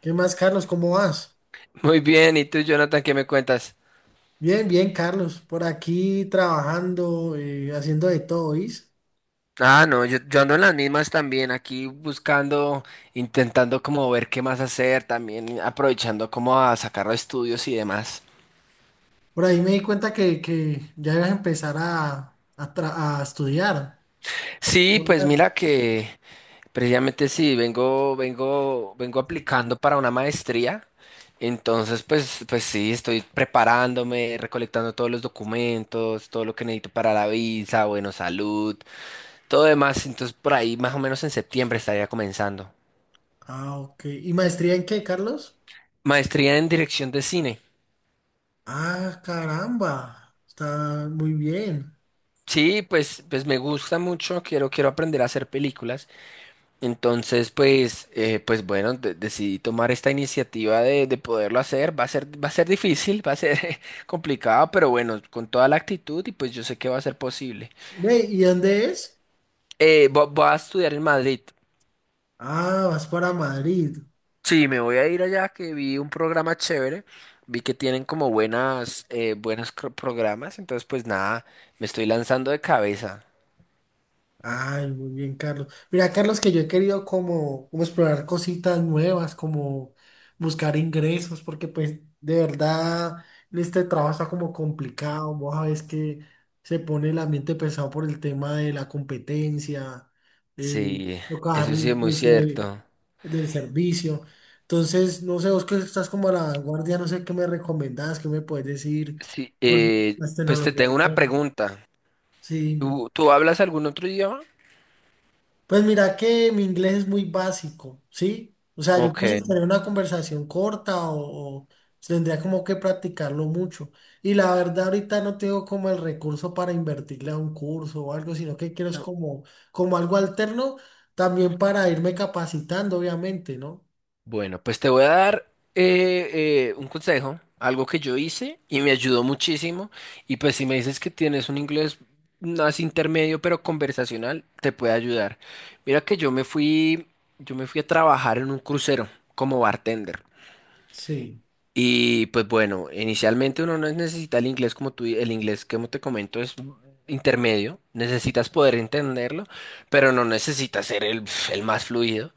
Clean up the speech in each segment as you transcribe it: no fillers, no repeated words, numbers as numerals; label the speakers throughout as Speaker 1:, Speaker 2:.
Speaker 1: ¿Qué más, Carlos? ¿Cómo vas?
Speaker 2: Muy bien, ¿y tú, Jonathan, qué me cuentas?
Speaker 1: Bien, bien, Carlos. Por aquí trabajando, haciendo de todo, ¿oís?
Speaker 2: Ah, no, yo ando en las mismas también, aquí buscando, intentando como ver qué más hacer, también aprovechando como a sacar los estudios y demás.
Speaker 1: Por ahí me di cuenta que ya ibas a empezar a estudiar.
Speaker 2: Sí,
Speaker 1: Lo
Speaker 2: pues
Speaker 1: nuevo.
Speaker 2: mira que precisamente sí, vengo aplicando para una maestría. Entonces, pues sí, estoy preparándome, recolectando todos los documentos, todo lo que necesito para la visa, bueno, salud, todo demás. Entonces, por ahí más o menos en septiembre estaría comenzando.
Speaker 1: Ah, ok. ¿Y maestría en qué, Carlos?
Speaker 2: Maestría en dirección de cine.
Speaker 1: Ah, caramba. Está muy bien.
Speaker 2: Sí, pues, pues me gusta mucho, quiero aprender a hacer películas. Entonces, pues bueno, decidí tomar esta iniciativa de poderlo hacer. Va a ser difícil, va a ser complicado, pero bueno, con toda la actitud y pues yo sé que va a ser posible.
Speaker 1: Ve, ¿y dónde es?
Speaker 2: Voy a estudiar en Madrid.
Speaker 1: Ah, vas para Madrid.
Speaker 2: Sí, me voy a ir allá que vi un programa chévere. Vi que tienen como buenos programas. Entonces, pues nada, me estoy lanzando de cabeza.
Speaker 1: Ay, muy bien, Carlos. Mira, Carlos, que yo he querido como explorar cositas nuevas, como buscar ingresos, porque pues de verdad este trabajo está como complicado. Vos sabés que se pone el ambiente pesado por el tema de la competencia, eh,
Speaker 2: Sí,
Speaker 1: tocar
Speaker 2: eso sí
Speaker 1: el
Speaker 2: es muy
Speaker 1: precio del,
Speaker 2: cierto.
Speaker 1: del servicio. Entonces, no sé, vos que estás como a la vanguardia, no sé qué me recomendás, qué me puedes decir
Speaker 2: Sí,
Speaker 1: con las
Speaker 2: pues te
Speaker 1: tecnologías
Speaker 2: tengo una
Speaker 1: nuevas.
Speaker 2: pregunta.
Speaker 1: Sí,
Speaker 2: ¿Tú hablas algún otro idioma?
Speaker 1: pues mira que mi inglés es muy básico, ¿sí? O sea, yo
Speaker 2: Ok.
Speaker 1: puedo tener una conversación corta o tendría como que practicarlo mucho. Y la verdad ahorita no tengo como el recurso para invertirle a un curso o algo, sino que quiero es
Speaker 2: No.
Speaker 1: como, como algo alterno también para irme capacitando, obviamente, ¿no?
Speaker 2: Bueno, pues te voy a dar un consejo, algo que yo hice y me ayudó muchísimo. Y pues si me dices que tienes un inglés más intermedio pero conversacional, te puede ayudar. Mira que yo me fui a trabajar en un crucero como bartender.
Speaker 1: Sí.
Speaker 2: Y pues bueno, inicialmente uno no necesita el inglés como tú, el inglés que te comento es intermedio, necesitas poder entenderlo, pero no necesitas ser el más fluido.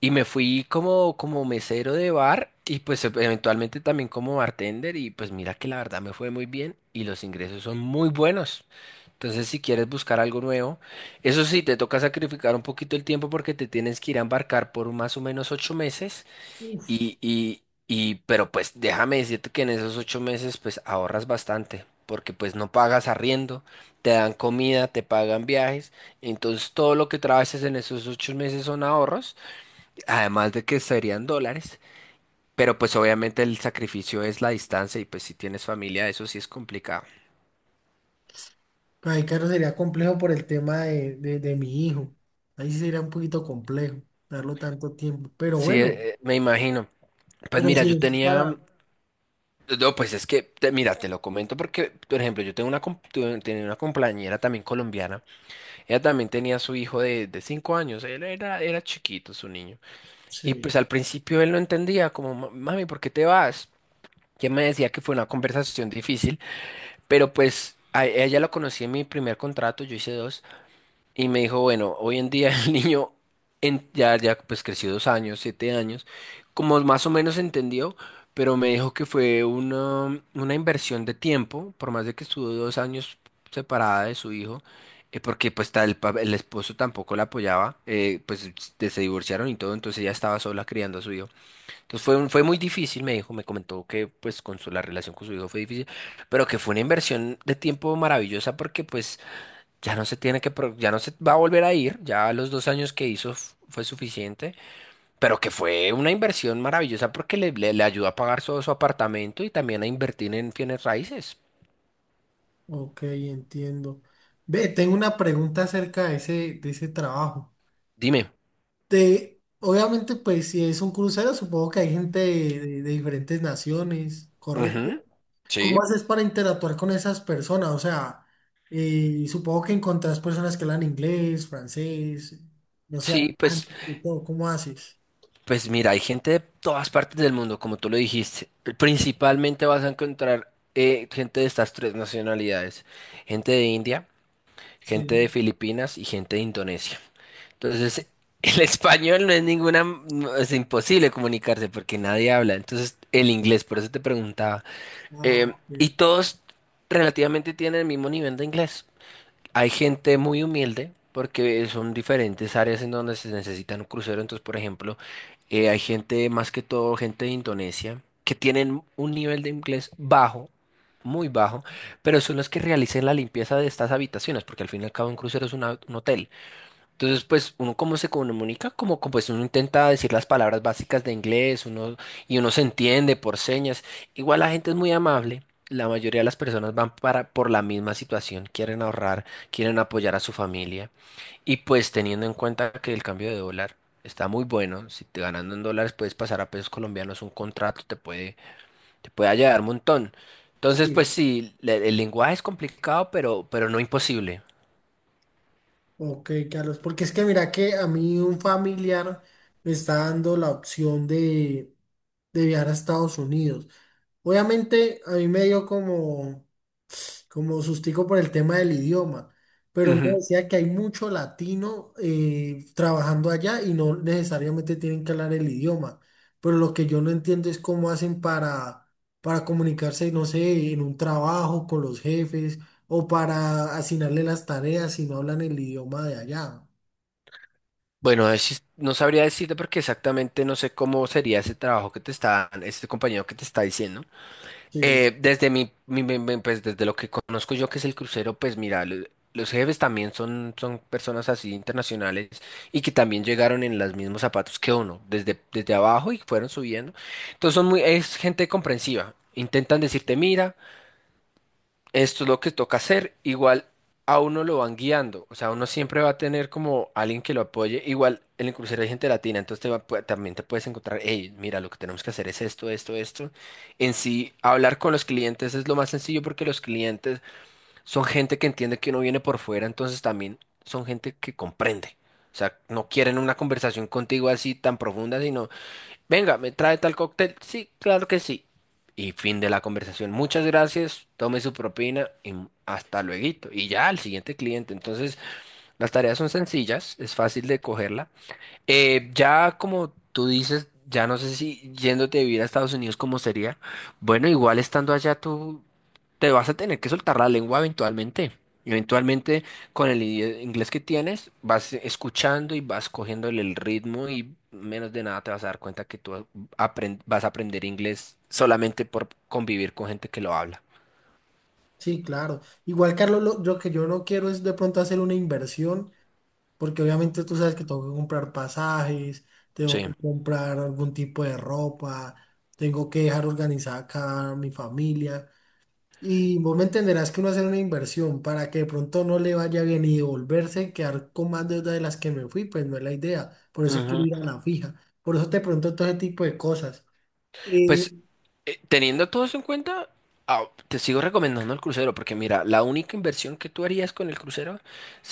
Speaker 2: Y me fui como mesero de bar y pues eventualmente también como bartender y pues mira que la verdad me fue muy bien y los ingresos son muy buenos. Entonces si quieres buscar algo nuevo, eso sí, te toca sacrificar un poquito el tiempo porque te tienes que ir a embarcar por más o menos 8 meses.
Speaker 1: Uf,
Speaker 2: Pero pues déjame decirte que en esos 8 meses pues ahorras bastante, porque pues no pagas arriendo, te dan comida, te pagan viajes, entonces todo lo que trabajes en esos 8 meses son ahorros, además de que serían dólares, pero pues obviamente el sacrificio es la distancia y pues si tienes familia eso sí es complicado.
Speaker 1: ahí claro sería complejo por el tema de mi hijo. Ahí sí sería un poquito complejo darlo tanto tiempo. Pero
Speaker 2: Sí,
Speaker 1: bueno,
Speaker 2: me imagino. Pues
Speaker 1: pero
Speaker 2: mira,
Speaker 1: sí
Speaker 2: yo
Speaker 1: es
Speaker 2: tenía,
Speaker 1: para...
Speaker 2: no, pues es que, mira, te lo comento porque, por ejemplo, yo tengo tenía una compañera también colombiana. Ella también tenía su hijo de 5 años, él era chiquito su niño. Y
Speaker 1: Sí.
Speaker 2: pues al principio él no entendía, como, Mami, ¿por qué te vas?". Que me decía que fue una conversación difícil, pero pues a ella la conocí en mi primer contrato, yo hice dos, y me dijo, bueno, hoy en día el niño ya pues creció 2 años, 7 años, como más o menos entendió, pero me dijo que fue una inversión de tiempo, por más de que estuvo 2 años separada de su hijo, porque pues el esposo tampoco la apoyaba, pues se divorciaron y todo, entonces ella estaba sola criando a su hijo. Entonces fue, fue muy difícil, me dijo, me comentó que pues con su, la relación con su hijo fue difícil, pero que fue una inversión de tiempo maravillosa porque pues ya no se tiene que ya no se va a volver a ir, ya los 2 años que hizo fue suficiente, pero que fue una inversión maravillosa porque le ayudó a pagar todo su apartamento y también a invertir en bienes raíces.
Speaker 1: Ok, entiendo. Ve, tengo una pregunta acerca de ese trabajo.
Speaker 2: Dime.
Speaker 1: Obviamente, pues si es un crucero, supongo que hay gente de diferentes naciones, ¿correcto?
Speaker 2: Ujú. Sí.
Speaker 1: ¿Cómo haces para interactuar con esas personas? O sea, supongo que encontrás personas que hablan inglés, francés, no sé,
Speaker 2: Sí,
Speaker 1: alemán,
Speaker 2: pues,
Speaker 1: de todo. ¿Cómo haces?
Speaker 2: pues mira, hay gente de todas partes del mundo, como tú lo dijiste. Principalmente vas a encontrar gente de estas tres nacionalidades, gente de India, gente de
Speaker 1: Sí.
Speaker 2: Filipinas y gente de Indonesia. Entonces, el español no es ninguna, no, es imposible comunicarse porque nadie habla. Entonces, el inglés, por eso te preguntaba.
Speaker 1: Ah, ok.
Speaker 2: Y todos relativamente tienen el mismo nivel de inglés. Hay gente muy humilde porque son diferentes áreas en donde se necesitan un crucero. Entonces, por ejemplo, hay gente, más que todo, gente de Indonesia, que tienen un nivel de inglés bajo. Muy bajo, pero son los que realicen la limpieza de estas habitaciones, porque al fin y al cabo un crucero es un hotel. Entonces, pues uno cómo se comunica, como, pues uno intenta decir las palabras básicas de inglés, uno y uno se entiende por señas. Igual la gente es muy amable. La mayoría de las personas van para por la misma situación, quieren ahorrar, quieren apoyar a su familia y pues teniendo en cuenta que el cambio de dólar está muy bueno, si te ganando en dólares puedes pasar a pesos colombianos, un contrato te puede ayudar un montón. Entonces, pues
Speaker 1: Sí,
Speaker 2: sí, el lenguaje es complicado, pero no imposible.
Speaker 1: ok, Carlos, porque es que mira que a mí un familiar me está dando la opción de viajar a Estados Unidos. Obviamente a mí me dio como, como sustico por el tema del idioma, pero él me decía que hay mucho latino trabajando allá y no necesariamente tienen que hablar el idioma. Pero lo que yo no entiendo es cómo hacen para comunicarse, no sé, en un trabajo con los jefes o para asignarle las tareas si no hablan el idioma de allá.
Speaker 2: Bueno, ahí sí no sabría decirte porque exactamente no sé cómo sería ese trabajo que te está, este compañero que te está diciendo.
Speaker 1: Sí,
Speaker 2: Desde mi, mi- mi- mi- pues desde lo que conozco yo que es el crucero, pues mira, los jefes también son, personas así internacionales y que también llegaron en los mismos zapatos que uno, desde abajo y fueron subiendo. Entonces son muy, es gente comprensiva. Intentan decirte, mira. Esto es lo que toca hacer. Igual a uno lo van guiando. O sea, uno siempre va a tener como alguien que lo apoye. Igual en el crucero hay gente latina, entonces también te puedes encontrar, hey, mira, lo que tenemos que hacer es esto, esto, esto. En sí, hablar con los clientes es lo más sencillo porque los clientes son gente que entiende que uno viene por fuera, entonces también son gente que comprende. O sea, no quieren una conversación contigo así tan profunda, sino: Venga, me trae tal cóctel. Sí, claro que sí. Y fin de la conversación. Muchas gracias, tome su propina y hasta luego. Y ya al siguiente cliente. Entonces, las tareas son sencillas, es fácil de cogerla ya como tú dices, ya no sé si yéndote a vivir a Estados Unidos cómo sería. Bueno, igual estando allá tú te vas a tener que soltar la lengua eventualmente. Eventualmente con el inglés que tienes vas escuchando y vas cogiéndole el ritmo y menos de nada te vas a dar cuenta que tú vas a aprender inglés solamente por convivir con gente que lo habla.
Speaker 1: sí, claro. Igual, Carlos, lo que yo no quiero es de pronto hacer una inversión, porque obviamente tú sabes que tengo que comprar pasajes, tengo
Speaker 2: Sí.
Speaker 1: que comprar algún tipo de ropa, tengo que dejar organizada acá a mi familia. Y vos me entenderás que uno hacer una inversión para que de pronto no le vaya bien y devolverse, y quedar con más deuda de las que me fui, pues no es la idea. Por eso quiero ir a la fija. Por eso te pregunto todo ese tipo de cosas. Eh,
Speaker 2: Pues teniendo todo eso en cuenta, te sigo recomendando el crucero, porque mira, la única inversión que tú harías con el crucero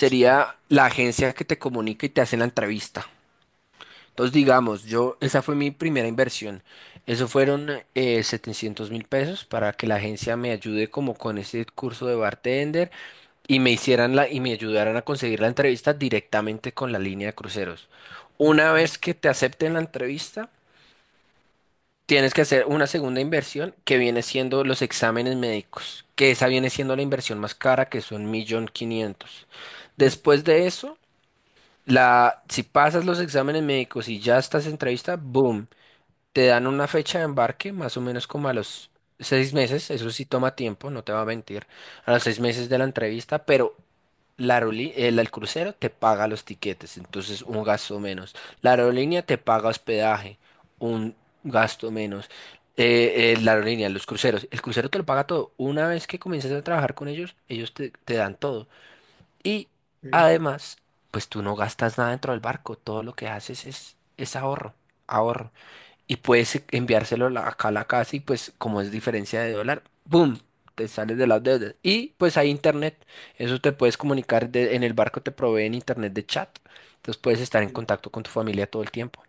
Speaker 1: Sí,
Speaker 2: la agencia que te comunica y te hace la entrevista. Entonces, digamos, yo, esa fue mi primera inversión. Eso fueron 700 mil pesos para que la agencia me ayude como con ese curso de bartender y me hicieran la, y me ayudaran a conseguir la entrevista directamente con la línea de cruceros. Una
Speaker 1: ok,
Speaker 2: vez que te acepten la entrevista, tienes que hacer una segunda inversión que viene siendo los exámenes médicos, que esa viene siendo la inversión más cara, que son 1.500.000. Después de eso, la, si pasas los exámenes médicos y ya estás en entrevista, boom, te dan una fecha de embarque, más o menos como a los 6 meses, eso sí toma tiempo, no te va a mentir, a los seis meses de la entrevista, pero el crucero te paga los tiquetes, entonces un gasto menos. La aerolínea te paga hospedaje, un gasto menos. La aerolínea, los cruceros, el crucero te lo paga todo. Una vez que comiences a trabajar con ellos, ellos te dan todo. Y además, pues tú no gastas nada dentro del barco, todo lo que haces es ahorro, ahorro y puedes enviárselo acá a la casa y pues como es diferencia de dólar, ¡boom! Te sales de las deudas. Y pues hay internet, eso te puedes comunicar, en el barco te proveen internet de chat, entonces puedes estar en
Speaker 1: ok.
Speaker 2: contacto con tu familia todo el tiempo.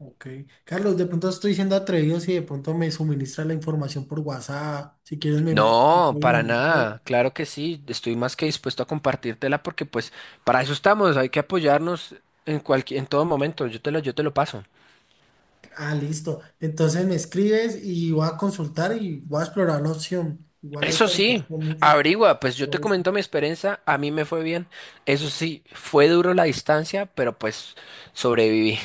Speaker 1: Ok. Carlos, de pronto estoy siendo atrevido si de pronto me suministra la información por WhatsApp. Si quieres, me
Speaker 2: No,
Speaker 1: puedes
Speaker 2: para
Speaker 1: mandar todo.
Speaker 2: nada, claro que sí, estoy más que dispuesto a compartírtela porque pues para eso estamos, hay que apoyarnos en cualquier, en todo momento, yo te lo paso.
Speaker 1: Ah, listo. Entonces me escribes y voy a consultar y voy a explorar la opción. Igual ahí
Speaker 2: Eso
Speaker 1: te
Speaker 2: sí,
Speaker 1: agradezco mucho
Speaker 2: averigua,
Speaker 1: por
Speaker 2: pues yo te
Speaker 1: todo eso.
Speaker 2: comento mi experiencia, a mí me fue bien. Eso sí, fue duro la distancia, pero pues sobreviví.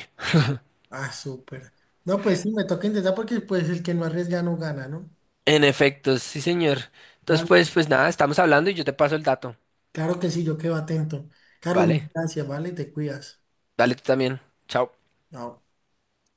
Speaker 1: Ah, súper. No, pues sí, me toca intentar porque pues el que no arriesga no gana, ¿no?
Speaker 2: En efecto, sí, señor. Entonces, pues,
Speaker 1: Vale.
Speaker 2: pues nada, estamos hablando y yo te paso el dato.
Speaker 1: Claro que sí, yo quedo atento. Carlos,
Speaker 2: Vale,
Speaker 1: gracias, ¿vale? Te cuidas.
Speaker 2: dale tú también. Chao.
Speaker 1: Chao.